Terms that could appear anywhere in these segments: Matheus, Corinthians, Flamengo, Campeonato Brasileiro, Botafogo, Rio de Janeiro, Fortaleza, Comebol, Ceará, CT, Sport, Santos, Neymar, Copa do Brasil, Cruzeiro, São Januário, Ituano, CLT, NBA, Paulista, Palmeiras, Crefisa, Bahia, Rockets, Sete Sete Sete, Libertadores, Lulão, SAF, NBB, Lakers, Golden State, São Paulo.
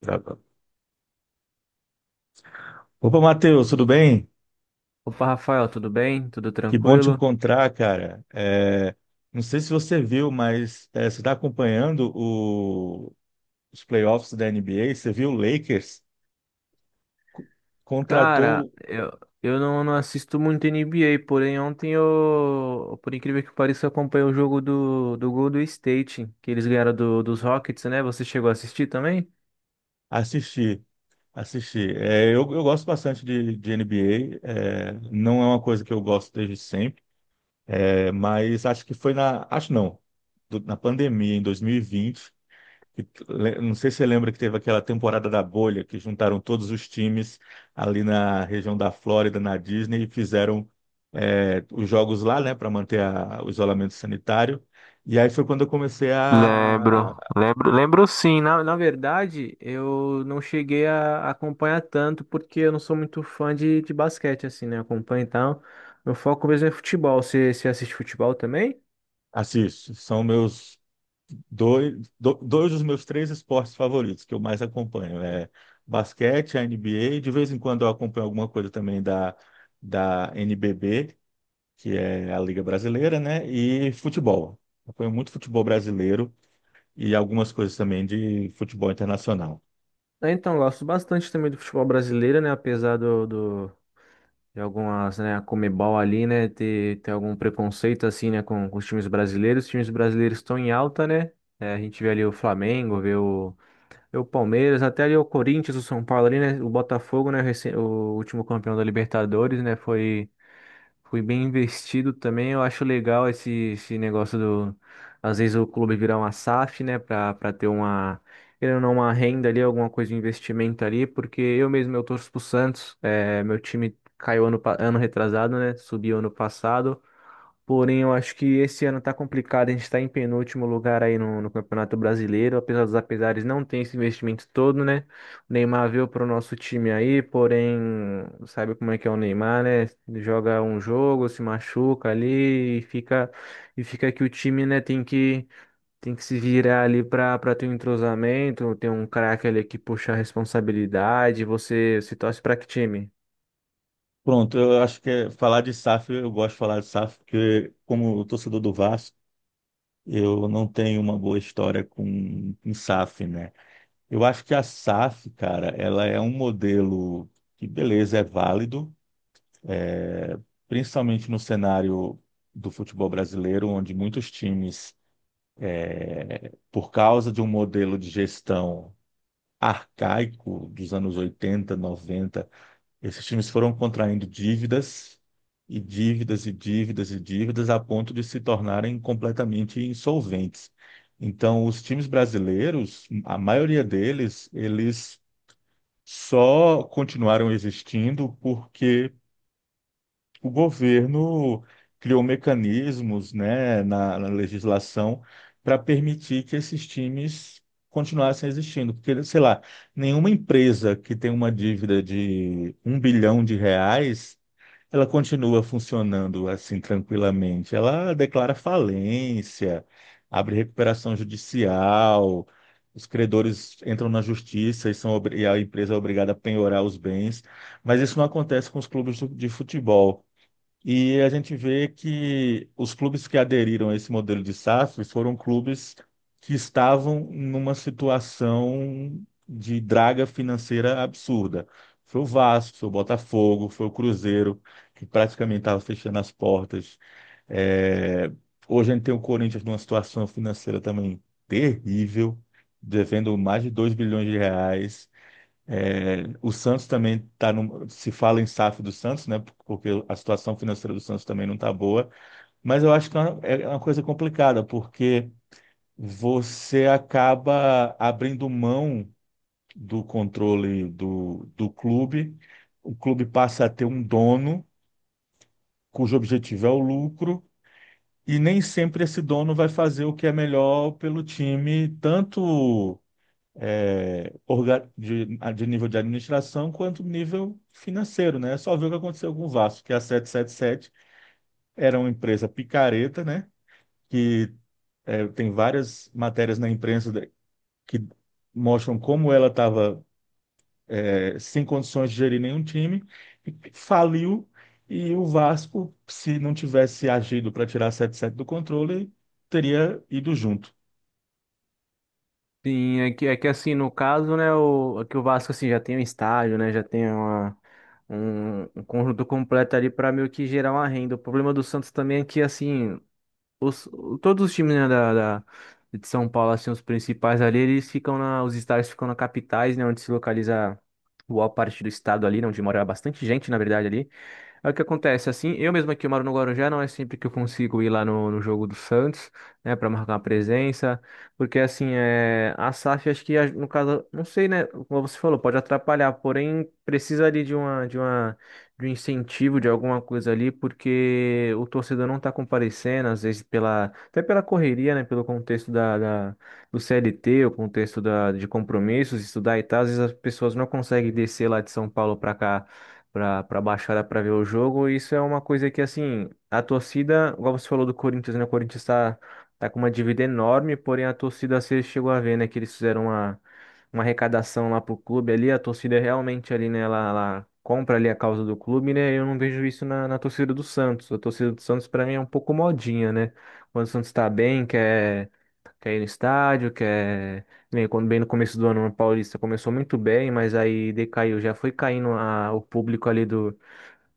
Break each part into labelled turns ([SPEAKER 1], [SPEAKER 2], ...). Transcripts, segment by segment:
[SPEAKER 1] Gravando. Opa, Matheus, tudo bem?
[SPEAKER 2] Opa, Rafael, tudo bem? Tudo
[SPEAKER 1] Que bom te
[SPEAKER 2] tranquilo?
[SPEAKER 1] encontrar, cara. Não sei se você viu, mas você está acompanhando os playoffs da NBA. Você viu o Lakers co-
[SPEAKER 2] Cara,
[SPEAKER 1] contratou
[SPEAKER 2] eu não assisto muito NBA, porém ontem eu, por incrível que pareça, eu acompanhei o jogo do Golden State, que eles ganharam dos Rockets, né? Você chegou a assistir também?
[SPEAKER 1] assistir, assistir. Eu gosto bastante de NBA. Não é uma coisa que eu gosto desde sempre, mas acho que foi na, acho não, na pandemia em 2020. Não sei se você lembra que teve aquela temporada da bolha que juntaram todos os times ali na região da Flórida, na Disney, e fizeram os jogos lá, né, para manter o isolamento sanitário. E aí foi quando eu comecei
[SPEAKER 2] Lembro,
[SPEAKER 1] a
[SPEAKER 2] lembro, lembro sim. Na verdade, eu não cheguei a acompanhar tanto porque eu não sou muito fã de basquete, assim, né? Eu acompanho e tal. Meu foco mesmo é futebol. Você assiste futebol também?
[SPEAKER 1] assistir. São meus dois dos meus 3 esportes favoritos que eu mais acompanho. Basquete, a NBA, de vez em quando eu acompanho alguma coisa também da NBB, que é a Liga Brasileira, né? E futebol. Acompanho muito futebol brasileiro e algumas coisas também de futebol internacional.
[SPEAKER 2] É, então, gosto bastante também do futebol brasileiro, né? Apesar de algumas, né, a Comebol ali, né, ter algum preconceito assim, né, com os times brasileiros. Os times brasileiros estão em alta, né? É, a gente vê ali o Flamengo, vê o Palmeiras, até ali o Corinthians, o São Paulo ali, né? O Botafogo, né? O último campeão da Libertadores, né? Foi. Fui bem investido também. Eu acho legal esse negócio do. Às vezes o clube virar uma SAF, né? Pra ter uma. Querendo ou não, uma renda ali, alguma coisa de investimento ali. Porque eu mesmo, eu torço pro Santos. É, meu time caiu ano retrasado, né? Subiu ano passado. Porém, eu acho que esse ano tá complicado. A gente tá em penúltimo lugar aí no Campeonato Brasileiro. Apesar dos apesares, não tem esse investimento todo, né? O Neymar veio pro nosso time aí, porém, sabe como é que é o Neymar, né? Joga um jogo, se machuca ali e fica que o time, né, tem que se virar ali pra ter um entrosamento, ter um craque ali que puxa a responsabilidade. Você se torce pra que time?
[SPEAKER 1] Pronto, eu acho que falar de SAF, eu gosto de falar de SAF, porque como torcedor do Vasco, eu não tenho uma boa história com SAF, né? Eu acho que a SAF, cara, ela é um modelo que, beleza, é válido, principalmente no cenário do futebol brasileiro, onde muitos times, por causa de um modelo de gestão arcaico dos anos 80 90, esses times foram contraindo dívidas e dívidas e dívidas e dívidas a ponto de se tornarem completamente insolventes. Então, os times brasileiros, a maioria deles, eles só continuaram existindo porque o governo criou mecanismos, né, na legislação para permitir que esses times continuassem existindo, porque, sei lá, nenhuma empresa que tem uma dívida de 1 bilhão de reais, ela continua funcionando assim tranquilamente. Ela declara falência, abre recuperação judicial. Os credores entram na justiça e, e a empresa é obrigada a penhorar os bens, mas isso não acontece com os clubes de futebol. E a gente vê que os clubes que aderiram a esse modelo de SAF foram clubes que estavam numa situação de draga financeira absurda. Foi o Vasco, foi o Botafogo, foi o Cruzeiro, que praticamente estava fechando as portas. É, Hoje a gente tem o Corinthians numa situação financeira também terrível, devendo mais de 2 bilhões de reais. O Santos também está no. Se fala em SAF do Santos, né? Porque a situação financeira do Santos também não está boa. Mas eu acho que é uma coisa complicada, porque você acaba abrindo mão do controle do clube. O clube passa a ter um dono cujo objetivo é o lucro, e nem sempre esse dono vai fazer o que é melhor pelo time, tanto é, orga- de, de nível de administração quanto nível financeiro, né? É só ver o que aconteceu com o Vasco, que a Sete Sete Sete era uma empresa picareta, né? Que Tem várias matérias na imprensa que mostram como ela estava sem condições de gerir nenhum time, e faliu, e o Vasco, se não tivesse agido para tirar a Sete Sete do controle, teria ido junto.
[SPEAKER 2] Sim, é que assim, no caso, né, o, é que o Vasco assim, já tem um estádio, né, um, um conjunto completo ali para meio que gerar uma renda. O problema do Santos também é que, assim, todos os times, né, da- de São Paulo, assim, os principais ali, os estádios ficam na capitais, né, onde se localiza boa parte do estado ali, né, onde mora bastante gente, na verdade, ali. É o que acontece, assim, eu mesmo aqui eu moro no Guarujá, não é sempre que eu consigo ir lá no jogo do Santos, né, pra marcar uma presença, porque assim, é, a SAF acho que, no caso, não sei, né, como você falou, pode atrapalhar, porém precisa ali de um incentivo, de alguma coisa ali, porque o torcedor não tá comparecendo, às vezes pela, até pela correria, né, pelo contexto do CLT, o contexto da, de compromissos, estudar e tal, às vezes as pessoas não conseguem descer lá de São Paulo pra cá para baixada para ver o jogo. Isso é uma coisa que, assim, a torcida, igual você falou do Corinthians, né? O Corinthians está tá tá com uma dívida enorme, porém a torcida, você chegou a ver, né, que eles fizeram uma arrecadação lá pro clube ali. A torcida é realmente ali, né, ela compra ali a causa do clube, né? Eu não vejo isso na torcida do Santos. A torcida do Santos, para mim, é um pouco modinha, né? Quando o Santos tá bem, quer ir no estádio, quer né, quando bem no começo do ano, a Paulista começou muito bem, mas aí decaiu, já foi caindo o público ali do,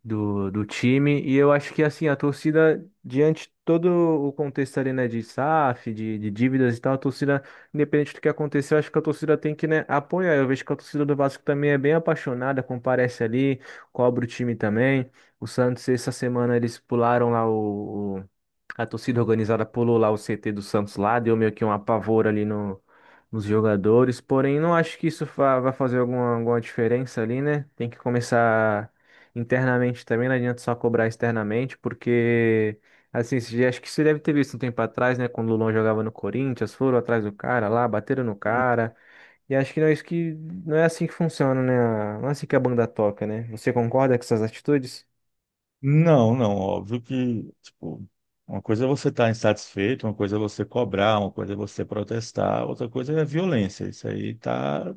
[SPEAKER 2] do, do time. E eu acho que assim, a torcida, diante de todo o contexto ali, né, de SAF, de dívidas e tal, a torcida, independente do que aconteceu, acho que a torcida tem que, né, apoiar. Eu vejo que a torcida do Vasco também é bem apaixonada, comparece ali, cobra o time também. O Santos, essa semana, eles pularam lá a torcida organizada pulou lá o CT do Santos lá, deu meio que um apavoro ali no, nos jogadores, porém não acho que vai fazer alguma diferença ali, né? Tem que começar internamente também, não adianta só cobrar externamente, porque, assim, acho que você deve ter visto um tempo atrás, né, quando o Lulão jogava no Corinthians, foram atrás do cara lá, bateram no cara, e acho que não é assim que funciona, né? Não é assim que a banda toca, né? Você concorda com essas atitudes?
[SPEAKER 1] Não, não, óbvio que, tipo, uma coisa é você estar insatisfeito, uma coisa é você cobrar, uma coisa é você protestar, outra coisa é violência. Isso aí tá,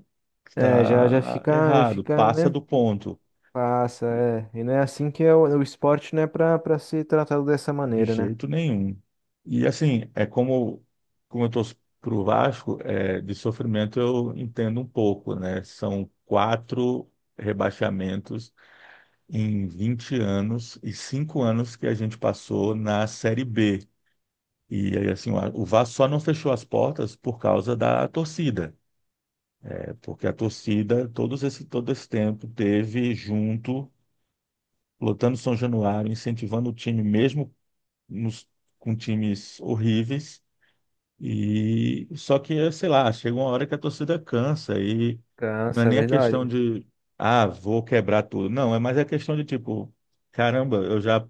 [SPEAKER 2] É,
[SPEAKER 1] tá
[SPEAKER 2] já
[SPEAKER 1] errado,
[SPEAKER 2] fica,
[SPEAKER 1] passa
[SPEAKER 2] né?
[SPEAKER 1] do ponto,
[SPEAKER 2] Passa, é. E não é assim que é o esporte não é pra, pra ser tratado dessa
[SPEAKER 1] de
[SPEAKER 2] maneira, né?
[SPEAKER 1] jeito nenhum. E assim, é como, como eu torço pro Vasco, é, de sofrimento eu entendo um pouco, né? São 4 rebaixamentos em 20 anos e 5 anos que a gente passou na Série B. E aí, assim, o Vasco só não fechou as portas por causa da torcida, é porque a torcida, todo esse tempo, teve junto, lotando São Januário, incentivando o time, mesmo nos, com times horríveis. E só que, sei lá, chega uma hora que a torcida cansa e não é
[SPEAKER 2] Cansa, é
[SPEAKER 1] nem a questão
[SPEAKER 2] verdade.
[SPEAKER 1] de, ah, vou quebrar tudo. Não, é mais a questão de tipo, caramba, eu já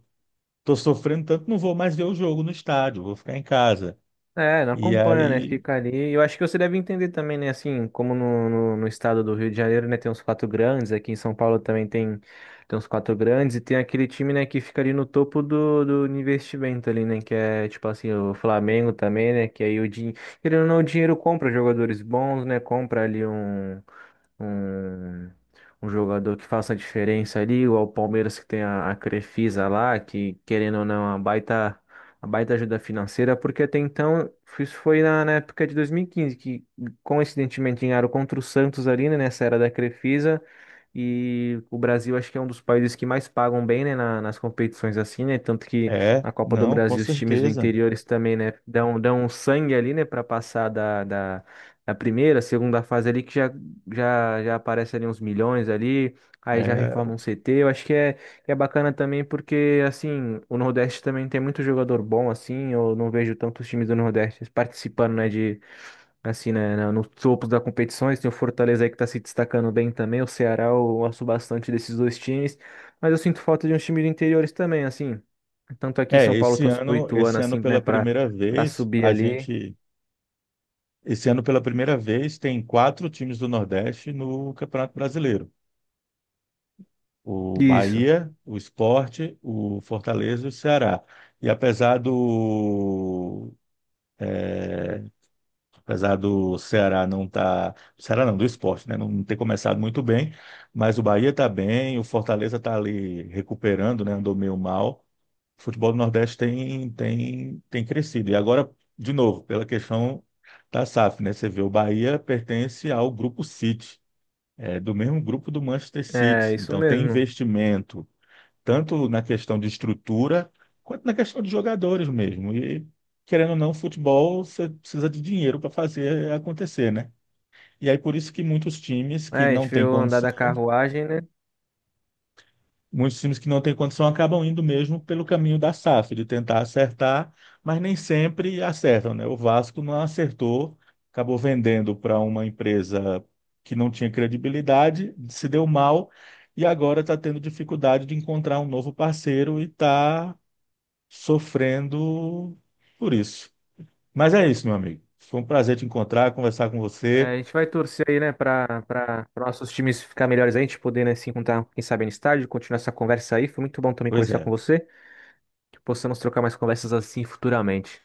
[SPEAKER 1] tô sofrendo tanto, não vou mais ver o jogo no estádio, vou ficar em casa.
[SPEAKER 2] É, não
[SPEAKER 1] E
[SPEAKER 2] acompanha, né?
[SPEAKER 1] aí
[SPEAKER 2] Fica ali. Eu acho que você deve entender também, né? Assim, como no estado do Rio de Janeiro, né? Tem uns quatro grandes. Aqui em São Paulo também tem, tem uns quatro grandes. E tem aquele time, né? Que fica ali no topo do investimento ali, né? Que é, tipo assim, o Flamengo também, né? Que aí o dinheiro... Querendo ou não, o dinheiro compra jogadores bons, né? Compra ali um... um, um jogador que faça a diferença ali, ou ao Palmeiras que tem a Crefisa lá, que querendo ou não, a baita ajuda financeira, porque até então, isso foi na época de 2015, que coincidentemente ganharam contra o Santos ali, né, nessa era da Crefisa, e o Brasil acho que é um dos países que mais pagam bem, né, nas competições assim, né, tanto que
[SPEAKER 1] é,
[SPEAKER 2] na Copa do
[SPEAKER 1] não, com
[SPEAKER 2] Brasil os times do
[SPEAKER 1] certeza.
[SPEAKER 2] interior eles também, né, dão um sangue ali, né, para passar a primeira, a segunda fase ali que já aparece ali uns milhões ali, aí já
[SPEAKER 1] É,
[SPEAKER 2] reforma um CT. Eu acho que que é bacana também porque, assim, o Nordeste também tem muito jogador bom, assim, eu não vejo tantos times do Nordeste participando, né, de, assim, né, nos topos das competições. Tem o Fortaleza aí que tá se destacando bem também, o Ceará, eu gosto bastante desses dois times, mas eu sinto falta de uns times do interiores também, assim. Tanto aqui em São Paulo, eu torço pro Ituano,
[SPEAKER 1] esse ano
[SPEAKER 2] assim, né,
[SPEAKER 1] pela primeira
[SPEAKER 2] para
[SPEAKER 1] vez,
[SPEAKER 2] subir ali.
[SPEAKER 1] esse ano pela primeira vez tem 4 times do Nordeste no Campeonato Brasileiro. O
[SPEAKER 2] Isso,
[SPEAKER 1] Bahia, o Sport, o Fortaleza e o Ceará. E apesar do Ceará não tá, Ceará não, do Sport, né, não ter começado muito bem, mas o Bahia está bem, o Fortaleza está ali recuperando, né, andou meio mal. O futebol do Nordeste tem crescido. E agora, de novo, pela questão da SAF, né? Você vê, o Bahia pertence ao grupo City, é, do mesmo grupo do Manchester
[SPEAKER 2] é,
[SPEAKER 1] City.
[SPEAKER 2] isso
[SPEAKER 1] Então, tem
[SPEAKER 2] mesmo.
[SPEAKER 1] investimento, tanto na questão de estrutura, quanto na questão de jogadores mesmo. E, querendo ou não, futebol, você precisa de dinheiro para fazer acontecer, né? E aí, por isso que muitos times
[SPEAKER 2] É,
[SPEAKER 1] que
[SPEAKER 2] a
[SPEAKER 1] não
[SPEAKER 2] gente
[SPEAKER 1] têm
[SPEAKER 2] viu andar
[SPEAKER 1] condição
[SPEAKER 2] da carruagem, né?
[SPEAKER 1] Muitos times que não têm condição acabam indo mesmo pelo caminho da SAF, de tentar acertar, mas nem sempre acertam, né? O Vasco não acertou, acabou vendendo para uma empresa que não tinha credibilidade, se deu mal e agora está tendo dificuldade de encontrar um novo parceiro e está sofrendo por isso. Mas é isso, meu amigo. Foi um prazer te encontrar, conversar com
[SPEAKER 2] É,
[SPEAKER 1] você.
[SPEAKER 2] a gente vai torcer aí, né, para nossos times ficar melhores aí, a gente poder, né, se encontrar, quem sabe, no estádio, continuar essa conversa aí. Foi muito bom também
[SPEAKER 1] Pois
[SPEAKER 2] conversar com
[SPEAKER 1] é.
[SPEAKER 2] você, que possamos trocar mais conversas assim futuramente.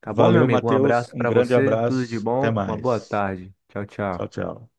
[SPEAKER 2] Tá bom, meu
[SPEAKER 1] Valeu,
[SPEAKER 2] amigo? Um
[SPEAKER 1] Matheus.
[SPEAKER 2] abraço
[SPEAKER 1] Um
[SPEAKER 2] para
[SPEAKER 1] grande
[SPEAKER 2] você, tudo de
[SPEAKER 1] abraço. Até
[SPEAKER 2] bom, uma boa
[SPEAKER 1] mais.
[SPEAKER 2] tarde. Tchau,
[SPEAKER 1] Tchau,
[SPEAKER 2] tchau.
[SPEAKER 1] tchau.